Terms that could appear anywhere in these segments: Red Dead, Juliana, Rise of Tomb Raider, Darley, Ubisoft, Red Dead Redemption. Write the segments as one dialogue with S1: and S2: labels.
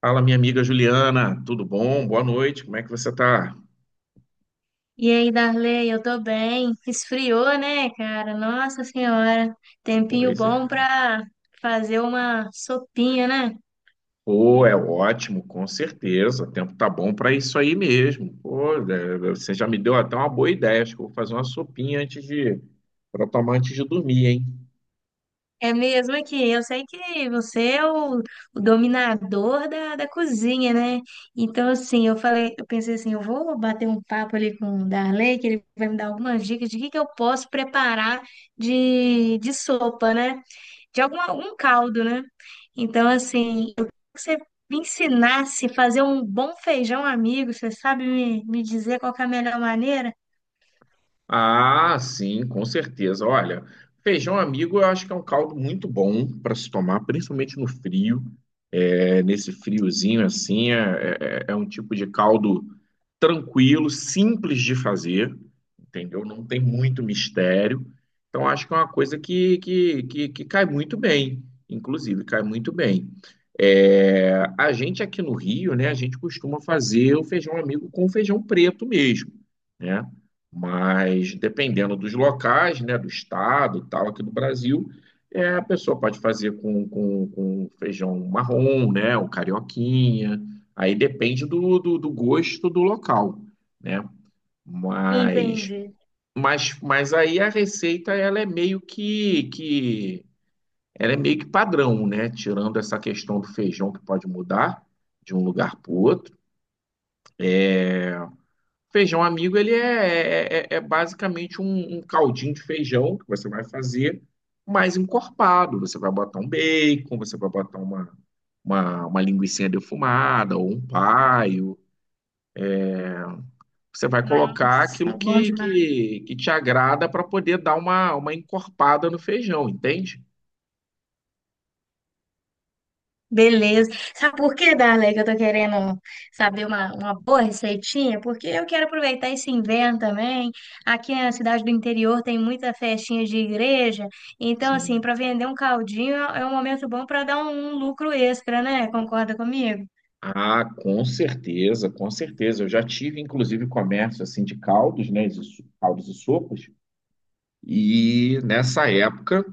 S1: Fala, minha amiga Juliana, tudo bom? Boa noite, como é que você tá?
S2: E aí, Darley, eu tô bem. Esfriou, né, cara? Nossa Senhora, tempinho
S1: Pois
S2: bom
S1: é.
S2: pra fazer uma sopinha, né?
S1: Pô, é ótimo, com certeza. O tempo tá bom para isso aí mesmo. Pô, é, você já me deu até uma boa ideia. Acho que eu vou fazer uma sopinha antes de para tomar antes de dormir, hein?
S2: É mesmo aqui. Eu sei que você é o dominador da cozinha, né? Então, assim, eu falei, eu pensei assim, eu vou bater um papo ali com o Darley, que ele vai me dar algumas dicas de que eu posso preparar de sopa, né? De algum um caldo, né? Então, assim, eu queria que você me ensinasse a fazer um bom feijão amigo. Você sabe me dizer qual que é a melhor maneira?
S1: Ah, sim, com certeza. Olha, feijão amigo eu acho que é um caldo muito bom para se tomar, principalmente no frio. É, nesse friozinho assim, é um tipo de caldo tranquilo, simples de fazer, entendeu? Não tem muito mistério. Então, acho que é uma coisa que cai muito bem, inclusive, cai muito bem. É, a gente aqui no Rio, né, a gente costuma fazer o feijão amigo com feijão preto mesmo, né? Mas dependendo dos locais, né, do estado e tal, aqui do Brasil, é, a pessoa pode fazer com feijão marrom, né? Ou carioquinha. Aí depende do, do gosto do local, né? Mas,
S2: Entendi.
S1: mas aí a receita ela é meio que ela é meio que padrão, né? Tirando essa questão do feijão que pode mudar de um lugar para o outro. Feijão amigo, ele é, é basicamente um, um caldinho de feijão que você vai fazer mais encorpado. Você vai botar um bacon, você vai botar uma, uma linguicinha defumada ou um paio. Você vai colocar aquilo
S2: Nossa, bom
S1: que,
S2: demais.
S1: que, que te agrada para poder dar uma encorpada no feijão, entende?
S2: Beleza. Sabe por que, Darley, que eu tô querendo saber uma boa receitinha? Porque eu quero aproveitar esse inverno também. Aqui na cidade do interior tem muita festinha de igreja. Então, assim,
S1: Sim.
S2: para vender um caldinho é é um momento bom para dar um um lucro extra, né? Concorda comigo?
S1: Ah, com certeza, com certeza. Eu já tive, inclusive, comércio assim de caldos, né? Caldos e sopas. E nessa época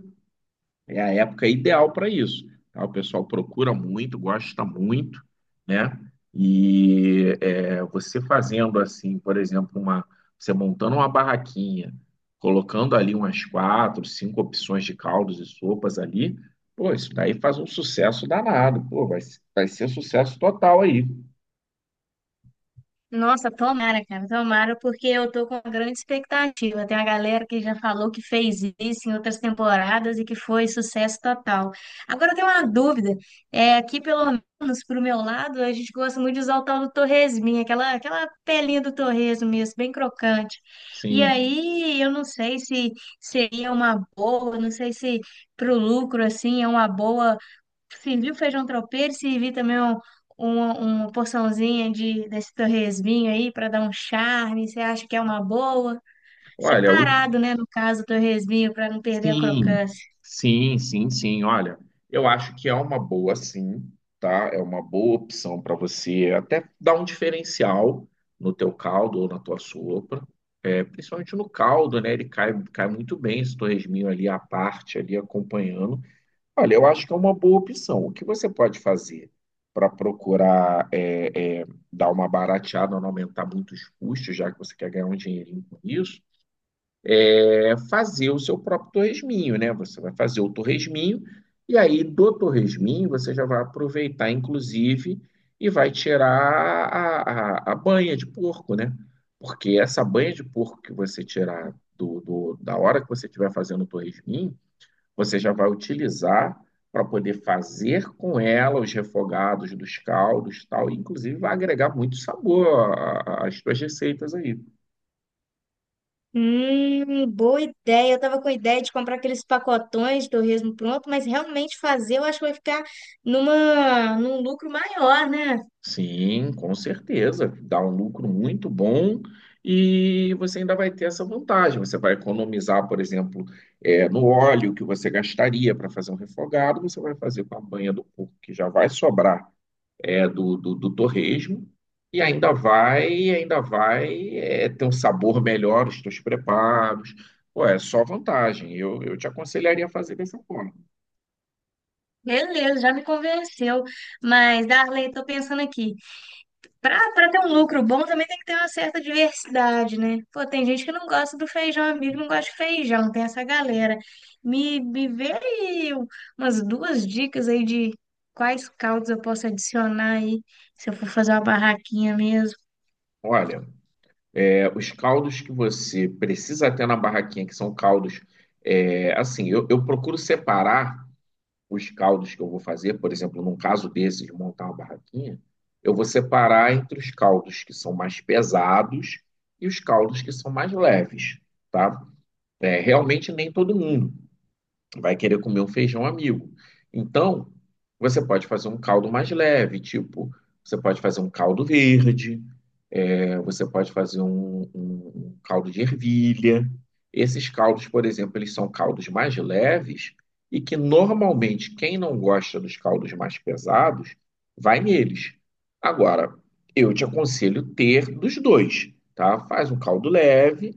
S1: é a época ideal para isso. Tá? O pessoal procura muito, gosta muito, né? E é, você fazendo assim, por exemplo, uma, você montando uma barraquinha, colocando ali umas quatro, cinco opções de caldos e sopas ali, pô, isso daí faz um sucesso danado. Pô, vai ser sucesso total aí.
S2: Nossa, tomara, cara, tomara, porque eu tô com uma grande expectativa. Tem uma galera que já falou que fez isso em outras temporadas e que foi sucesso total. Agora eu tenho uma dúvida. É, aqui, pelo menos pro meu lado, a gente gosta muito de usar o tal do torresminho, aquela pelinha do torresmo mesmo, bem crocante. E
S1: Sim.
S2: aí, eu não sei se seria uma boa, não sei se pro lucro, assim, é uma boa servir o feijão tropeiro, servir também uma porçãozinha de, desse torresminho aí para dar um charme. Você acha que é uma boa?
S1: Olha, o
S2: Separado, né? No caso, o torresminho para não perder a
S1: Sim,
S2: crocância.
S1: sim. Olha, eu acho que é uma boa, sim, tá? É uma boa opção para você até dar um diferencial no teu caldo ou na tua sopa. É, principalmente no caldo, né? Ele cai muito bem esse torresminho ali à parte, ali acompanhando. Olha, eu acho que é uma boa opção. O que você pode fazer para procurar é, é, dar uma barateada, não aumentar muito os custos, já que você quer ganhar um dinheirinho com isso? É fazer o seu próprio torresminho, né? Você vai fazer o torresminho e aí do torresminho você já vai aproveitar, inclusive, e vai tirar a, a banha de porco, né? Porque essa banha de porco que você tirar da hora que você estiver fazendo o torresminho, você já vai utilizar para poder fazer com ela os refogados dos caldos, e tal, e inclusive vai agregar muito sabor às suas receitas aí.
S2: Boa ideia. Eu tava com a ideia de comprar aqueles pacotões de torresmo pronto, mas realmente fazer eu acho que vai ficar numa, num lucro maior, né?
S1: Sim, com certeza. Dá um lucro muito bom e você ainda vai ter essa vantagem. Você vai economizar, por exemplo, no óleo que você gastaria para fazer um refogado, você vai fazer com a banha do porco, que já vai sobrar do, do torresmo, e ainda vai ter um sabor melhor, os teus preparos. Pô, é só vantagem. Eu te aconselharia a fazer dessa forma.
S2: Beleza, já me convenceu. Mas, Darley, tô pensando aqui. Pra ter um lucro bom também tem que ter uma certa diversidade, né? Pô, tem gente que não gosta do feijão amigo, não gosta de feijão, tem essa galera. Me vê aí um, umas duas dicas aí de quais caldos eu posso adicionar aí, se eu for fazer uma barraquinha mesmo.
S1: Olha. É, os caldos que você precisa ter na barraquinha, que são caldos, é, assim, eu procuro separar os caldos que eu vou fazer, por exemplo, num caso desse de montar uma barraquinha, eu vou separar entre os caldos que são mais pesados e os caldos que são mais leves, tá? É, realmente nem todo mundo vai querer comer um feijão amigo. Então, você pode fazer um caldo mais leve, tipo, você pode fazer um caldo verde, é, você pode fazer um, um caldo de ervilha. Esses caldos, por exemplo, eles são caldos mais leves e que normalmente quem não gosta dos caldos mais pesados vai neles. Agora, eu te aconselho ter dos dois, tá? Faz um caldo leve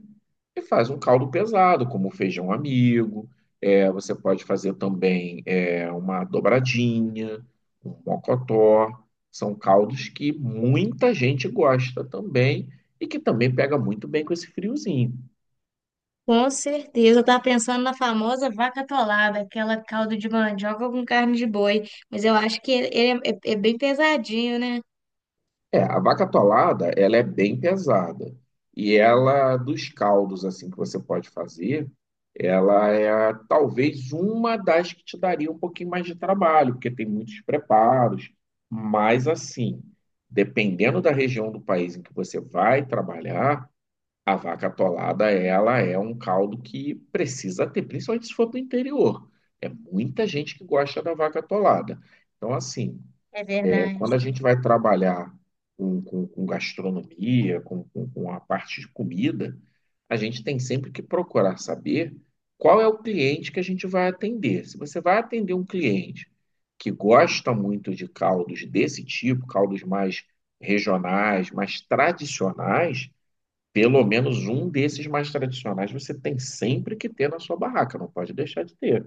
S1: e faz um caldo pesado, como feijão amigo. É, você pode fazer também é, uma dobradinha, um mocotó. São caldos que muita gente gosta também e que também pega muito bem com esse friozinho.
S2: Com certeza, eu tava pensando na famosa vaca atolada, aquela caldo de mandioca com carne de boi, mas eu acho que ele é, é é bem pesadinho, né?
S1: É, a vaca atolada, ela é bem pesada. E ela, dos caldos assim que você pode fazer, ela é talvez uma das que te daria um pouquinho mais de trabalho, porque tem muitos preparos. Mas assim, dependendo da região do país em que você vai trabalhar, a vaca atolada, ela é um caldo que precisa ter, principalmente se for para o interior. É muita gente que gosta da vaca atolada. Então, assim,
S2: É verdade.
S1: quando a gente vai trabalhar com gastronomia, com a parte de comida, a gente tem sempre que procurar saber qual é o cliente que a gente vai atender. Se você vai atender um cliente que gosta muito de caldos desse tipo, caldos mais regionais, mais tradicionais, pelo menos um desses mais tradicionais você tem sempre que ter na sua barraca, não pode deixar de ter.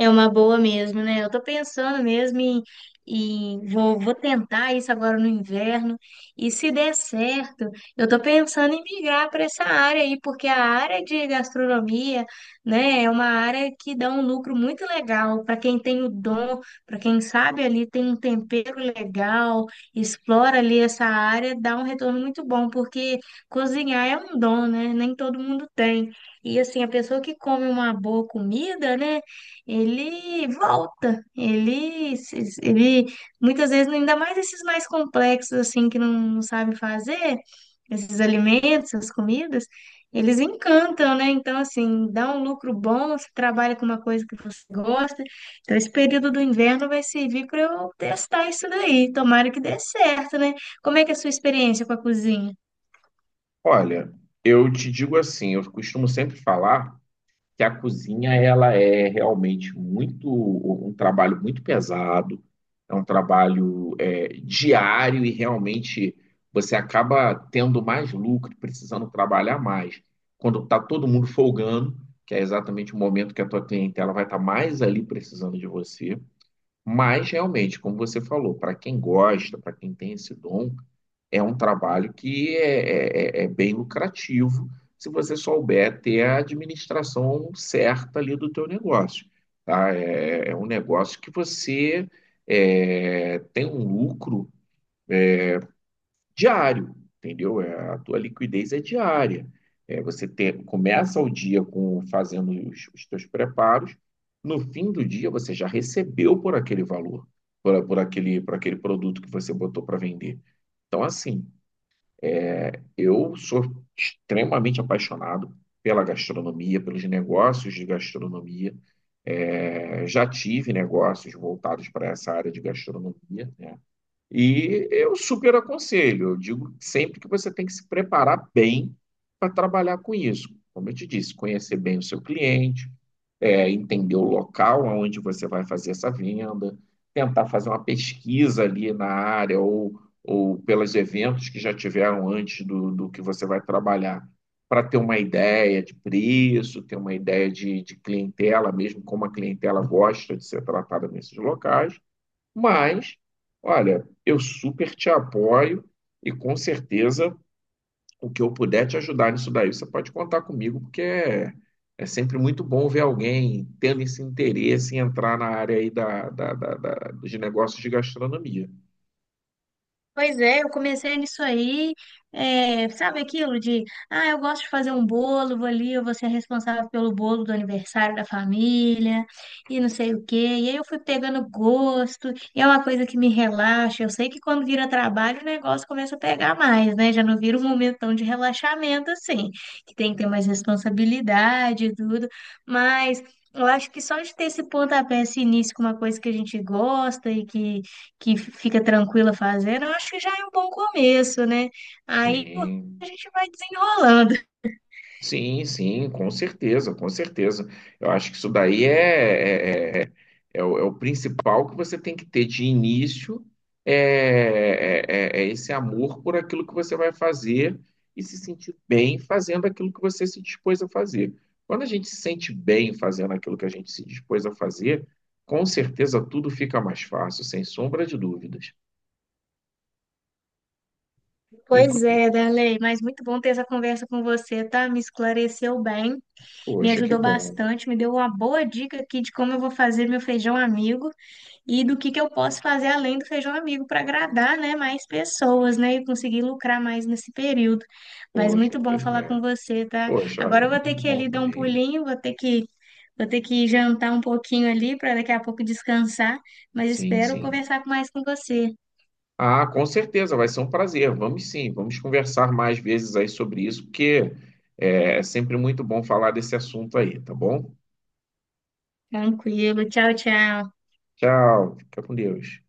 S2: É uma boa mesmo, né? Eu tô pensando mesmo em, vou, vou tentar isso agora no inverno e se der certo, eu tô pensando em migrar para essa área aí, porque a área de gastronomia, né, é uma área que dá um lucro muito legal para quem tem o dom, para quem sabe ali tem um tempero legal, explora ali essa área, dá um retorno muito bom, porque cozinhar é um dom, né? Nem todo mundo tem. E assim, a pessoa que come uma boa comida, né? Ele volta, ele, ele muitas vezes, ainda mais esses mais complexos, assim, que não sabem fazer, esses alimentos, essas comidas, eles encantam, né? Então, assim, dá um lucro bom, você trabalha com uma coisa que você gosta. Então, esse período do inverno vai servir para eu testar isso daí. Tomara que dê certo, né? Como é que é a sua experiência com a cozinha?
S1: Olha, eu te digo assim, eu costumo sempre falar que a cozinha ela é realmente muito um trabalho muito pesado, é um trabalho é, diário e realmente você acaba tendo mais lucro, precisando trabalhar mais. Quando está todo mundo folgando, que é exatamente o momento que a tua clientela vai estar mais ali precisando de você. Mas realmente, como você falou, para quem gosta, para quem tem esse dom, é um trabalho que é, é bem lucrativo se você souber ter a administração certa ali do teu negócio, tá? É, é um negócio que você é, tem um lucro diário, entendeu? É, a tua liquidez é diária. É, você começa o dia com fazendo os teus preparos, no fim do dia você já recebeu por aquele valor, por, por aquele produto que você botou para vender. Então, assim, eu sou extremamente apaixonado pela gastronomia, pelos negócios de gastronomia. É, já tive negócios voltados para essa área de gastronomia, né? E eu super aconselho, eu digo sempre que você tem que se preparar bem para trabalhar com isso. Como eu te disse, conhecer bem o seu cliente, é, entender o local onde você vai fazer essa venda, tentar fazer uma pesquisa ali na área ou pelos eventos que já tiveram antes do, do que você vai trabalhar, para ter uma ideia de preço, ter uma ideia de clientela, mesmo como a clientela gosta de ser tratada nesses locais. Mas, olha, eu super te apoio e com certeza o que eu puder te ajudar nisso daí, você pode contar comigo, porque é, é sempre muito bom ver alguém tendo esse interesse em entrar na área aí da, dos negócios de gastronomia.
S2: Pois é, eu comecei nisso aí, é, sabe aquilo de, ah, eu gosto de fazer um bolo, vou ali, eu vou ser responsável pelo bolo do aniversário da família, e não sei o quê. E aí eu fui pegando gosto, e é uma coisa que me relaxa. Eu sei que quando vira trabalho, o negócio começa a pegar mais, né? Já não vira um momentão de relaxamento assim, que tem que ter mais responsabilidade e tudo, mas. Eu acho que só de ter esse pontapé, esse início com uma coisa que a gente gosta e que fica tranquila fazendo, eu acho que já é um bom começo, né? Aí
S1: Sim.
S2: a gente vai desenrolando.
S1: Sim, sim, com certeza, com certeza. Eu acho que isso daí é o, é o principal que você tem que ter de início, é, é esse amor por aquilo que você vai fazer e se sentir bem fazendo aquilo que você se dispôs a fazer. Quando a gente se sente bem fazendo aquilo que a gente se dispôs a fazer, com certeza tudo fica mais fácil, sem sombra de dúvidas.
S2: Pois
S1: Inclusive,
S2: é, Darley, mas muito bom ter essa conversa com você, tá? Me esclareceu bem, me
S1: poxa, que
S2: ajudou
S1: bom.
S2: bastante, me deu uma boa dica aqui de como eu vou fazer meu feijão amigo, e do que eu posso fazer além do feijão amigo para agradar, né, mais pessoas, né, e conseguir lucrar mais nesse período. Mas
S1: Poxa,
S2: muito bom
S1: pois
S2: falar
S1: é.
S2: com você, tá?
S1: Poxa, olha,
S2: Agora eu vou ter
S1: muito
S2: que ir
S1: bom
S2: ali dar um
S1: também.
S2: pulinho, vou ter que jantar um pouquinho ali para daqui a pouco descansar, mas
S1: Sim,
S2: espero
S1: sim.
S2: conversar mais com você.
S1: Ah, com certeza, vai ser um prazer. Vamos sim, vamos conversar mais vezes aí sobre isso, porque é sempre muito bom falar desse assunto aí, tá bom?
S2: Tranquilo, tchau, tchau.
S1: Tchau, fica com Deus.